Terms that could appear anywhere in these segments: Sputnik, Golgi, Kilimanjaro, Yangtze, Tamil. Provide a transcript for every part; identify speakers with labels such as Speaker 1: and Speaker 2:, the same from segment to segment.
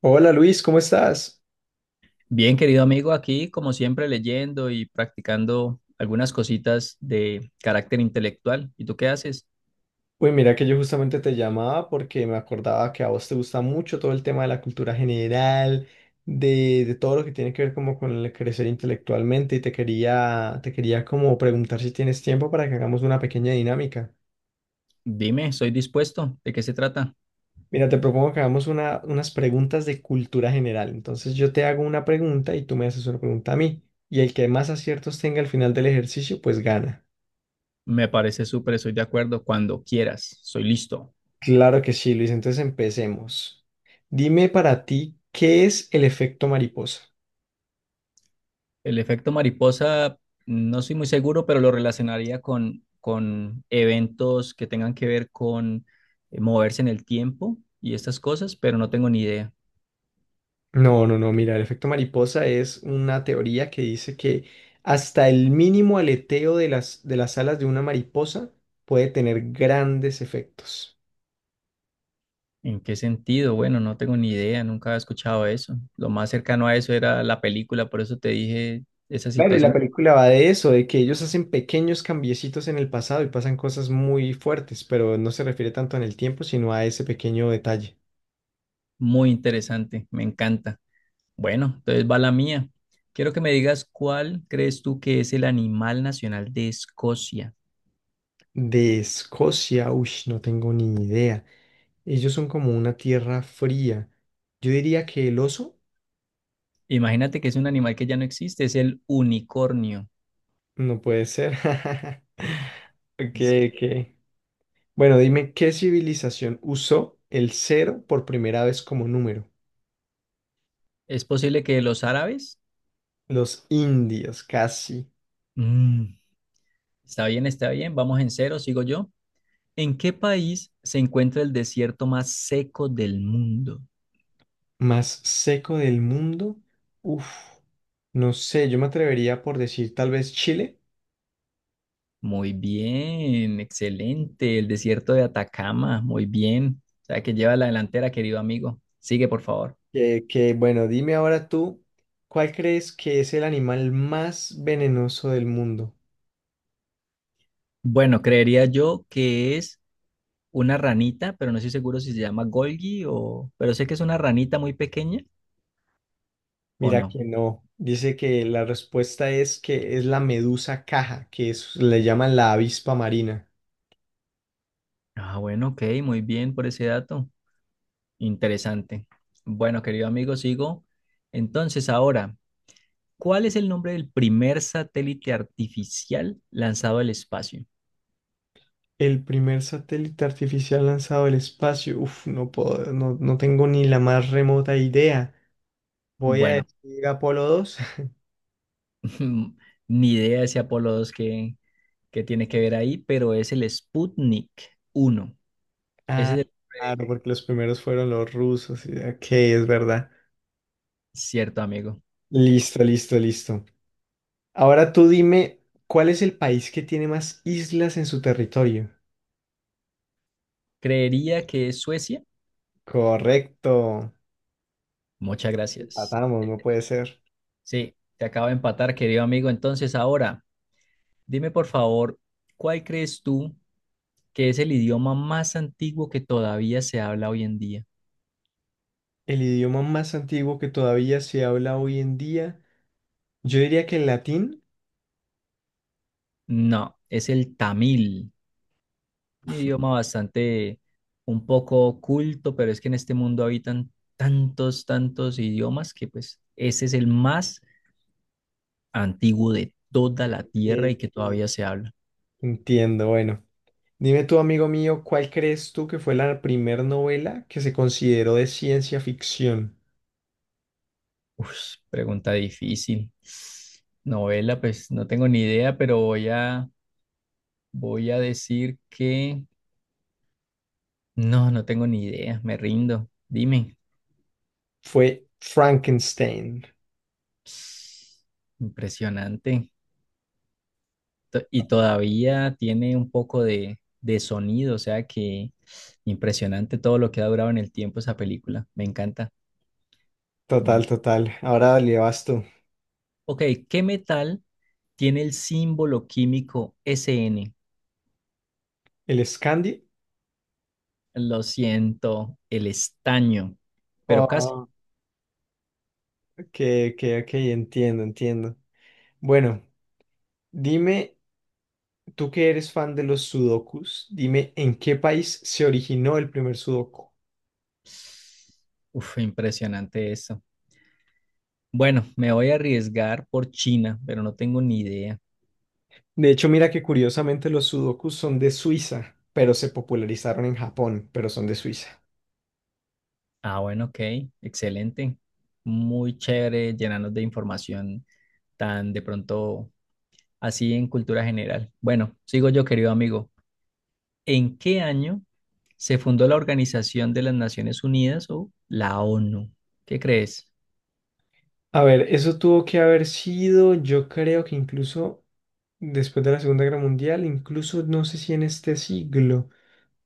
Speaker 1: Hola Luis, ¿cómo estás?
Speaker 2: Bien, querido amigo, aquí como siempre leyendo y practicando algunas cositas de carácter intelectual. ¿Y tú qué haces?
Speaker 1: Uy, mira que yo justamente te llamaba porque me acordaba que a vos te gusta mucho todo el tema de la cultura general, de todo lo que tiene que ver como con el crecer intelectualmente y te quería como preguntar si tienes tiempo para que hagamos una pequeña dinámica.
Speaker 2: Dime, estoy dispuesto. ¿De qué se trata?
Speaker 1: Mira, te propongo que hagamos unas preguntas de cultura general. Entonces yo te hago una pregunta y tú me haces una pregunta a mí. Y el que más aciertos tenga al final del ejercicio, pues gana.
Speaker 2: Me parece súper, estoy de acuerdo. Cuando quieras, soy listo.
Speaker 1: Claro que sí, Luis. Entonces empecemos. Dime para ti, ¿qué es el efecto mariposa?
Speaker 2: El efecto mariposa, no soy muy seguro, pero lo relacionaría con eventos que tengan que ver con moverse en el tiempo y estas cosas, pero no tengo ni idea.
Speaker 1: No, no, no, mira, el efecto mariposa es una teoría que dice que hasta el mínimo aleteo de las alas de una mariposa puede tener grandes efectos.
Speaker 2: ¿En qué sentido? Bueno, no tengo ni idea, nunca había escuchado eso. Lo más cercano a eso era la película, por eso te dije esa
Speaker 1: Claro, y la
Speaker 2: situación.
Speaker 1: película va de eso, de que ellos hacen pequeños cambiecitos en el pasado y pasan cosas muy fuertes, pero no se refiere tanto en el tiempo, sino a ese pequeño detalle.
Speaker 2: Muy interesante, me encanta. Bueno, entonces va la mía. Quiero que me digas cuál crees tú que es el animal nacional de Escocia.
Speaker 1: De Escocia, uy, no tengo ni idea. Ellos son como una tierra fría. Yo diría que el oso
Speaker 2: Imagínate que es un animal que ya no existe, es el unicornio.
Speaker 1: no puede ser. Ok,
Speaker 2: Sí.
Speaker 1: ok. Bueno, dime, ¿qué civilización usó el cero por primera vez como número?
Speaker 2: ¿Es posible que los árabes?
Speaker 1: Los indios, casi.
Speaker 2: Mm. Está bien, vamos en cero, sigo yo. ¿En qué país se encuentra el desierto más seco del mundo?
Speaker 1: ¿Más seco del mundo? Uf, no sé, yo me atrevería por decir tal vez Chile.
Speaker 2: Muy bien, excelente. El desierto de Atacama, muy bien. O sea que lleva la delantera, querido amigo. Sigue, por favor.
Speaker 1: Bueno, dime ahora tú, ¿cuál crees que es el animal más venenoso del mundo?
Speaker 2: Bueno, creería yo que es una ranita, pero no estoy seguro si se llama Golgi o pero sé que es una ranita muy pequeña o
Speaker 1: Mira
Speaker 2: no.
Speaker 1: que no. Dice que la respuesta es que es la medusa caja, que es, le llaman la avispa marina.
Speaker 2: Ah, bueno, ok, muy bien por ese dato. Interesante. Bueno, querido amigo, sigo. Entonces, ahora, ¿cuál es el nombre del primer satélite artificial lanzado al espacio?
Speaker 1: El primer satélite artificial lanzado al espacio. Uf, no puedo, no, no tengo ni la más remota idea. Voy a
Speaker 2: Bueno,
Speaker 1: decir Apolo 2.
Speaker 2: ni idea ese Apolo 2 que tiene que ver ahí, pero es el Sputnik 1. Ese
Speaker 1: Ah,
Speaker 2: es el
Speaker 1: claro, porque los primeros fueron los rusos. Ok, es verdad.
Speaker 2: cierto, amigo.
Speaker 1: Listo, listo, listo. Ahora tú dime, ¿cuál es el país que tiene más islas en su territorio?
Speaker 2: Creería que es Suecia.
Speaker 1: Correcto.
Speaker 2: Muchas gracias.
Speaker 1: Empatamos, no puede ser.
Speaker 2: Sí, te acabo de empatar, querido amigo. Entonces, ahora, dime por favor, ¿cuál crees tú que es el idioma más antiguo que todavía se habla hoy en día?
Speaker 1: El idioma más antiguo que todavía se habla hoy en día, yo diría que el latín.
Speaker 2: No, es el tamil. Un idioma bastante, un poco oculto, pero es que en este mundo habitan tantos idiomas que pues ese es el más antiguo de toda la
Speaker 1: Eh,
Speaker 2: Tierra y que
Speaker 1: eh,
Speaker 2: todavía se habla.
Speaker 1: Entiendo, bueno. Dime tú, amigo mío, ¿cuál crees tú que fue la primer novela que se consideró de ciencia ficción?
Speaker 2: Uf, pregunta difícil. Novela, pues no tengo ni idea, pero voy a decir que no, no tengo ni idea, me rindo. Dime.
Speaker 1: Fue Frankenstein.
Speaker 2: Impresionante. Y todavía tiene un poco de sonido, o sea que impresionante todo lo que ha durado en el tiempo esa película, me encanta. Mm.
Speaker 1: Total, total. Ahora le vas tú.
Speaker 2: Ok, ¿qué metal tiene el símbolo químico SN?
Speaker 1: ¿El Scandi?
Speaker 2: Lo siento, el estaño, pero casi.
Speaker 1: Oh, ok, ok, ok, entiendo, entiendo. Bueno, dime, tú que eres fan de los sudokus, dime en qué país se originó el primer sudoku.
Speaker 2: Uf, impresionante eso. Bueno, me voy a arriesgar por China, pero no tengo ni idea.
Speaker 1: De hecho, mira que curiosamente los sudokus son de Suiza, pero se popularizaron en Japón, pero son de Suiza.
Speaker 2: Ah, bueno, ok, excelente. Muy chévere llenarnos de información tan de pronto así en cultura general. Bueno, sigo yo, querido amigo. ¿En qué año se fundó la Organización de las Naciones Unidas o la ONU? ¿Qué crees?
Speaker 1: A ver, eso tuvo que haber sido, yo creo que incluso después de la Segunda Guerra Mundial, incluso no sé si en este siglo.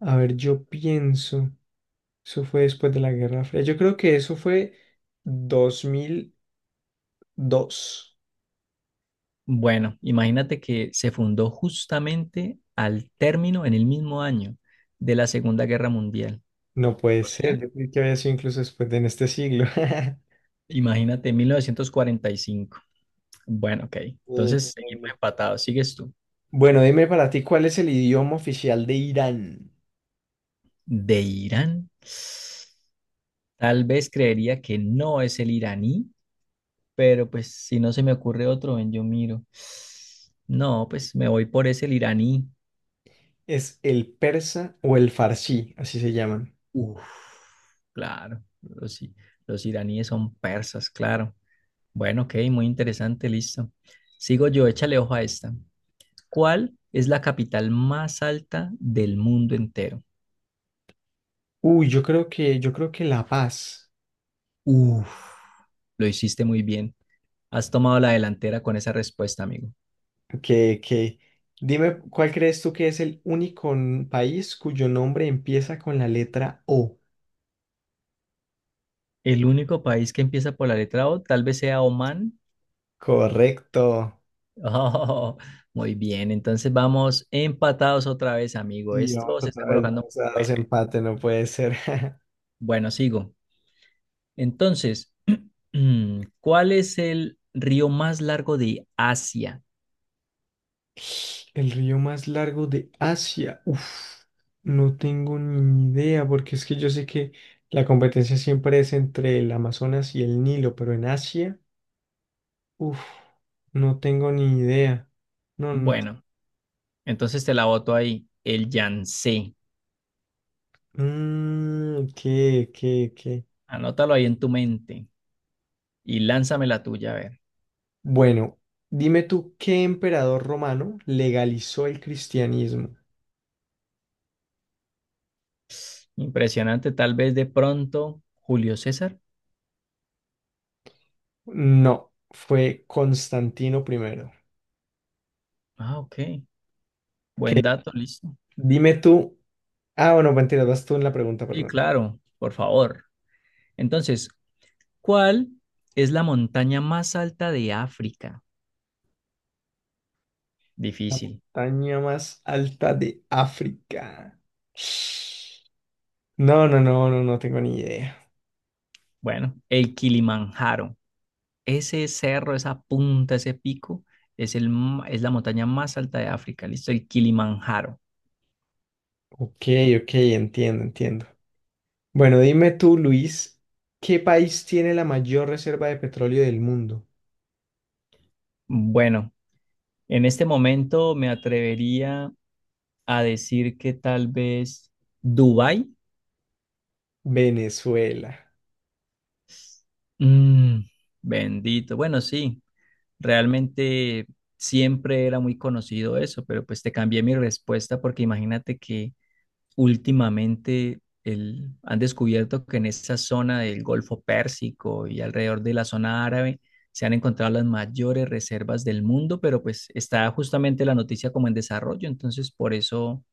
Speaker 1: A ver, yo pienso, eso fue después de la Guerra Fría. Yo creo que eso fue 2002.
Speaker 2: Bueno, imagínate que se fundó justamente al término, en el mismo año de la Segunda Guerra Mundial.
Speaker 1: No puede
Speaker 2: O sea,
Speaker 1: ser, yo creí que había sido incluso después de en este siglo.
Speaker 2: imagínate 1945. Bueno, ok. Entonces seguimos
Speaker 1: Entiendo.
Speaker 2: empatados. Sigues tú.
Speaker 1: Bueno, dime para ti, ¿cuál es el idioma oficial de Irán?
Speaker 2: ¿De Irán? Tal vez creería que no es el iraní. Pero pues si no se me ocurre otro, ven, yo miro. No, pues me voy por ese el iraní.
Speaker 1: ¿Es el persa o el farsi? Así se llaman.
Speaker 2: Uf, claro, los iraníes son persas, claro. Bueno, ok, muy interesante, listo. Sigo yo, échale ojo a esta. ¿Cuál es la capital más alta del mundo entero?
Speaker 1: Uy, yo creo que La Paz.
Speaker 2: Uf, lo hiciste muy bien. Has tomado la delantera con esa respuesta, amigo.
Speaker 1: Que, que, dime, ¿cuál crees tú que es el único país cuyo nombre empieza con la letra O?
Speaker 2: El único país que empieza por la letra O tal vez sea Omán.
Speaker 1: Correcto.
Speaker 2: Oh, muy bien, entonces vamos empatados otra vez, amigo.
Speaker 1: Y vamos
Speaker 2: Esto se está
Speaker 1: otra vez,
Speaker 2: colocando
Speaker 1: vamos
Speaker 2: muy
Speaker 1: a dos
Speaker 2: bueno.
Speaker 1: empates, no puede ser.
Speaker 2: Bueno, sigo. Entonces, ¿cuál es el río más largo de Asia?
Speaker 1: El río más largo de Asia. Uf, no tengo ni idea, porque es que yo sé que la competencia siempre es entre el Amazonas y el Nilo, pero en Asia, uf, no tengo ni idea. No, no.
Speaker 2: Bueno, entonces te la boto ahí, el Yangtze.
Speaker 1: Mm, ¿qué?
Speaker 2: Anótalo ahí en tu mente y lánzame la tuya, a ver.
Speaker 1: Bueno, dime tú, ¿qué emperador romano legalizó el cristianismo?
Speaker 2: Impresionante, tal vez de pronto, Julio César.
Speaker 1: No, fue Constantino primero.
Speaker 2: Ah, ok. Buen
Speaker 1: ¿Qué?
Speaker 2: dato, listo.
Speaker 1: Dime tú. Ah, bueno, mentira, vas tú en la pregunta,
Speaker 2: Sí,
Speaker 1: perdón.
Speaker 2: claro, por favor. Entonces, ¿cuál es la montaña más alta de África?
Speaker 1: La
Speaker 2: Difícil.
Speaker 1: montaña más alta de África. No, no, no, no, no tengo ni idea.
Speaker 2: Bueno, el Kilimanjaro. Ese cerro, esa punta, ese pico, es la montaña más alta de África. Listo, el Kilimanjaro.
Speaker 1: Ok, ok, entiendo, entiendo. Bueno, dime tú, Luis, ¿qué país tiene la mayor reserva de petróleo del mundo?
Speaker 2: Bueno, en este momento me atrevería a decir que tal vez Dubái.
Speaker 1: Venezuela.
Speaker 2: Mm, bendito. Bueno, sí, realmente siempre era muy conocido eso, pero pues te cambié mi respuesta porque imagínate que han descubierto que en esa zona del Golfo Pérsico y alrededor de la zona árabe se han encontrado las mayores reservas del mundo, pero pues está justamente la noticia como en desarrollo, entonces por eso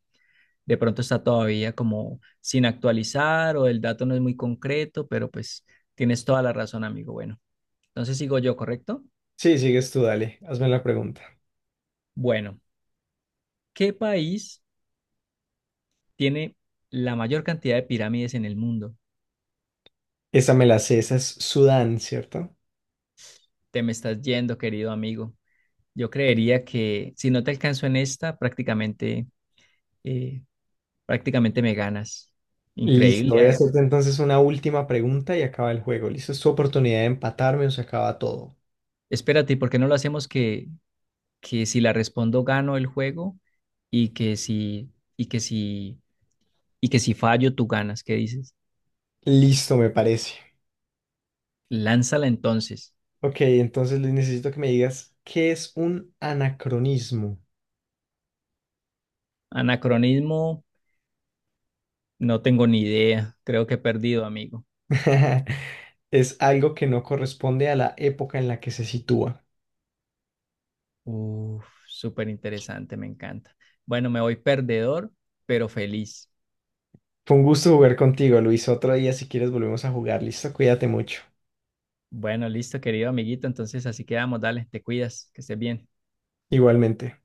Speaker 2: de pronto está todavía como sin actualizar o el dato no es muy concreto, pero pues tienes toda la razón, amigo. Bueno, entonces sigo yo, ¿correcto?
Speaker 1: Sí, sigues tú, dale, hazme la pregunta.
Speaker 2: Bueno, ¿qué país tiene la mayor cantidad de pirámides en el mundo?
Speaker 1: Esa me la sé, esa es Sudán, ¿cierto?
Speaker 2: Te me estás yendo, querido amigo. Yo creería que si no te alcanzo en esta, prácticamente, eh, prácticamente me ganas. Increíble.
Speaker 1: Listo, voy a
Speaker 2: Ah,
Speaker 1: hacerte entonces una última pregunta y acaba el juego. Listo, es tu oportunidad de empatarme o se acaba todo.
Speaker 2: espérate, ¿por qué no lo hacemos que si la respondo gano el juego y que si, y que si, y que si fallo tú ganas? ¿Qué dices?
Speaker 1: Listo, me parece.
Speaker 2: Lánzala entonces.
Speaker 1: Ok, entonces Luis, necesito que me digas qué es un anacronismo.
Speaker 2: Anacronismo, no tengo ni idea. Creo que he perdido, amigo.
Speaker 1: Es algo que no corresponde a la época en la que se sitúa.
Speaker 2: Uf, súper interesante, me encanta. Bueno, me voy perdedor, pero feliz.
Speaker 1: Fue un gusto jugar contigo, Luis. Otro día, si quieres, volvemos a jugar. Listo, cuídate mucho.
Speaker 2: Bueno, listo, querido amiguito. Entonces así quedamos. Dale, te cuidas, que estés bien.
Speaker 1: Igualmente.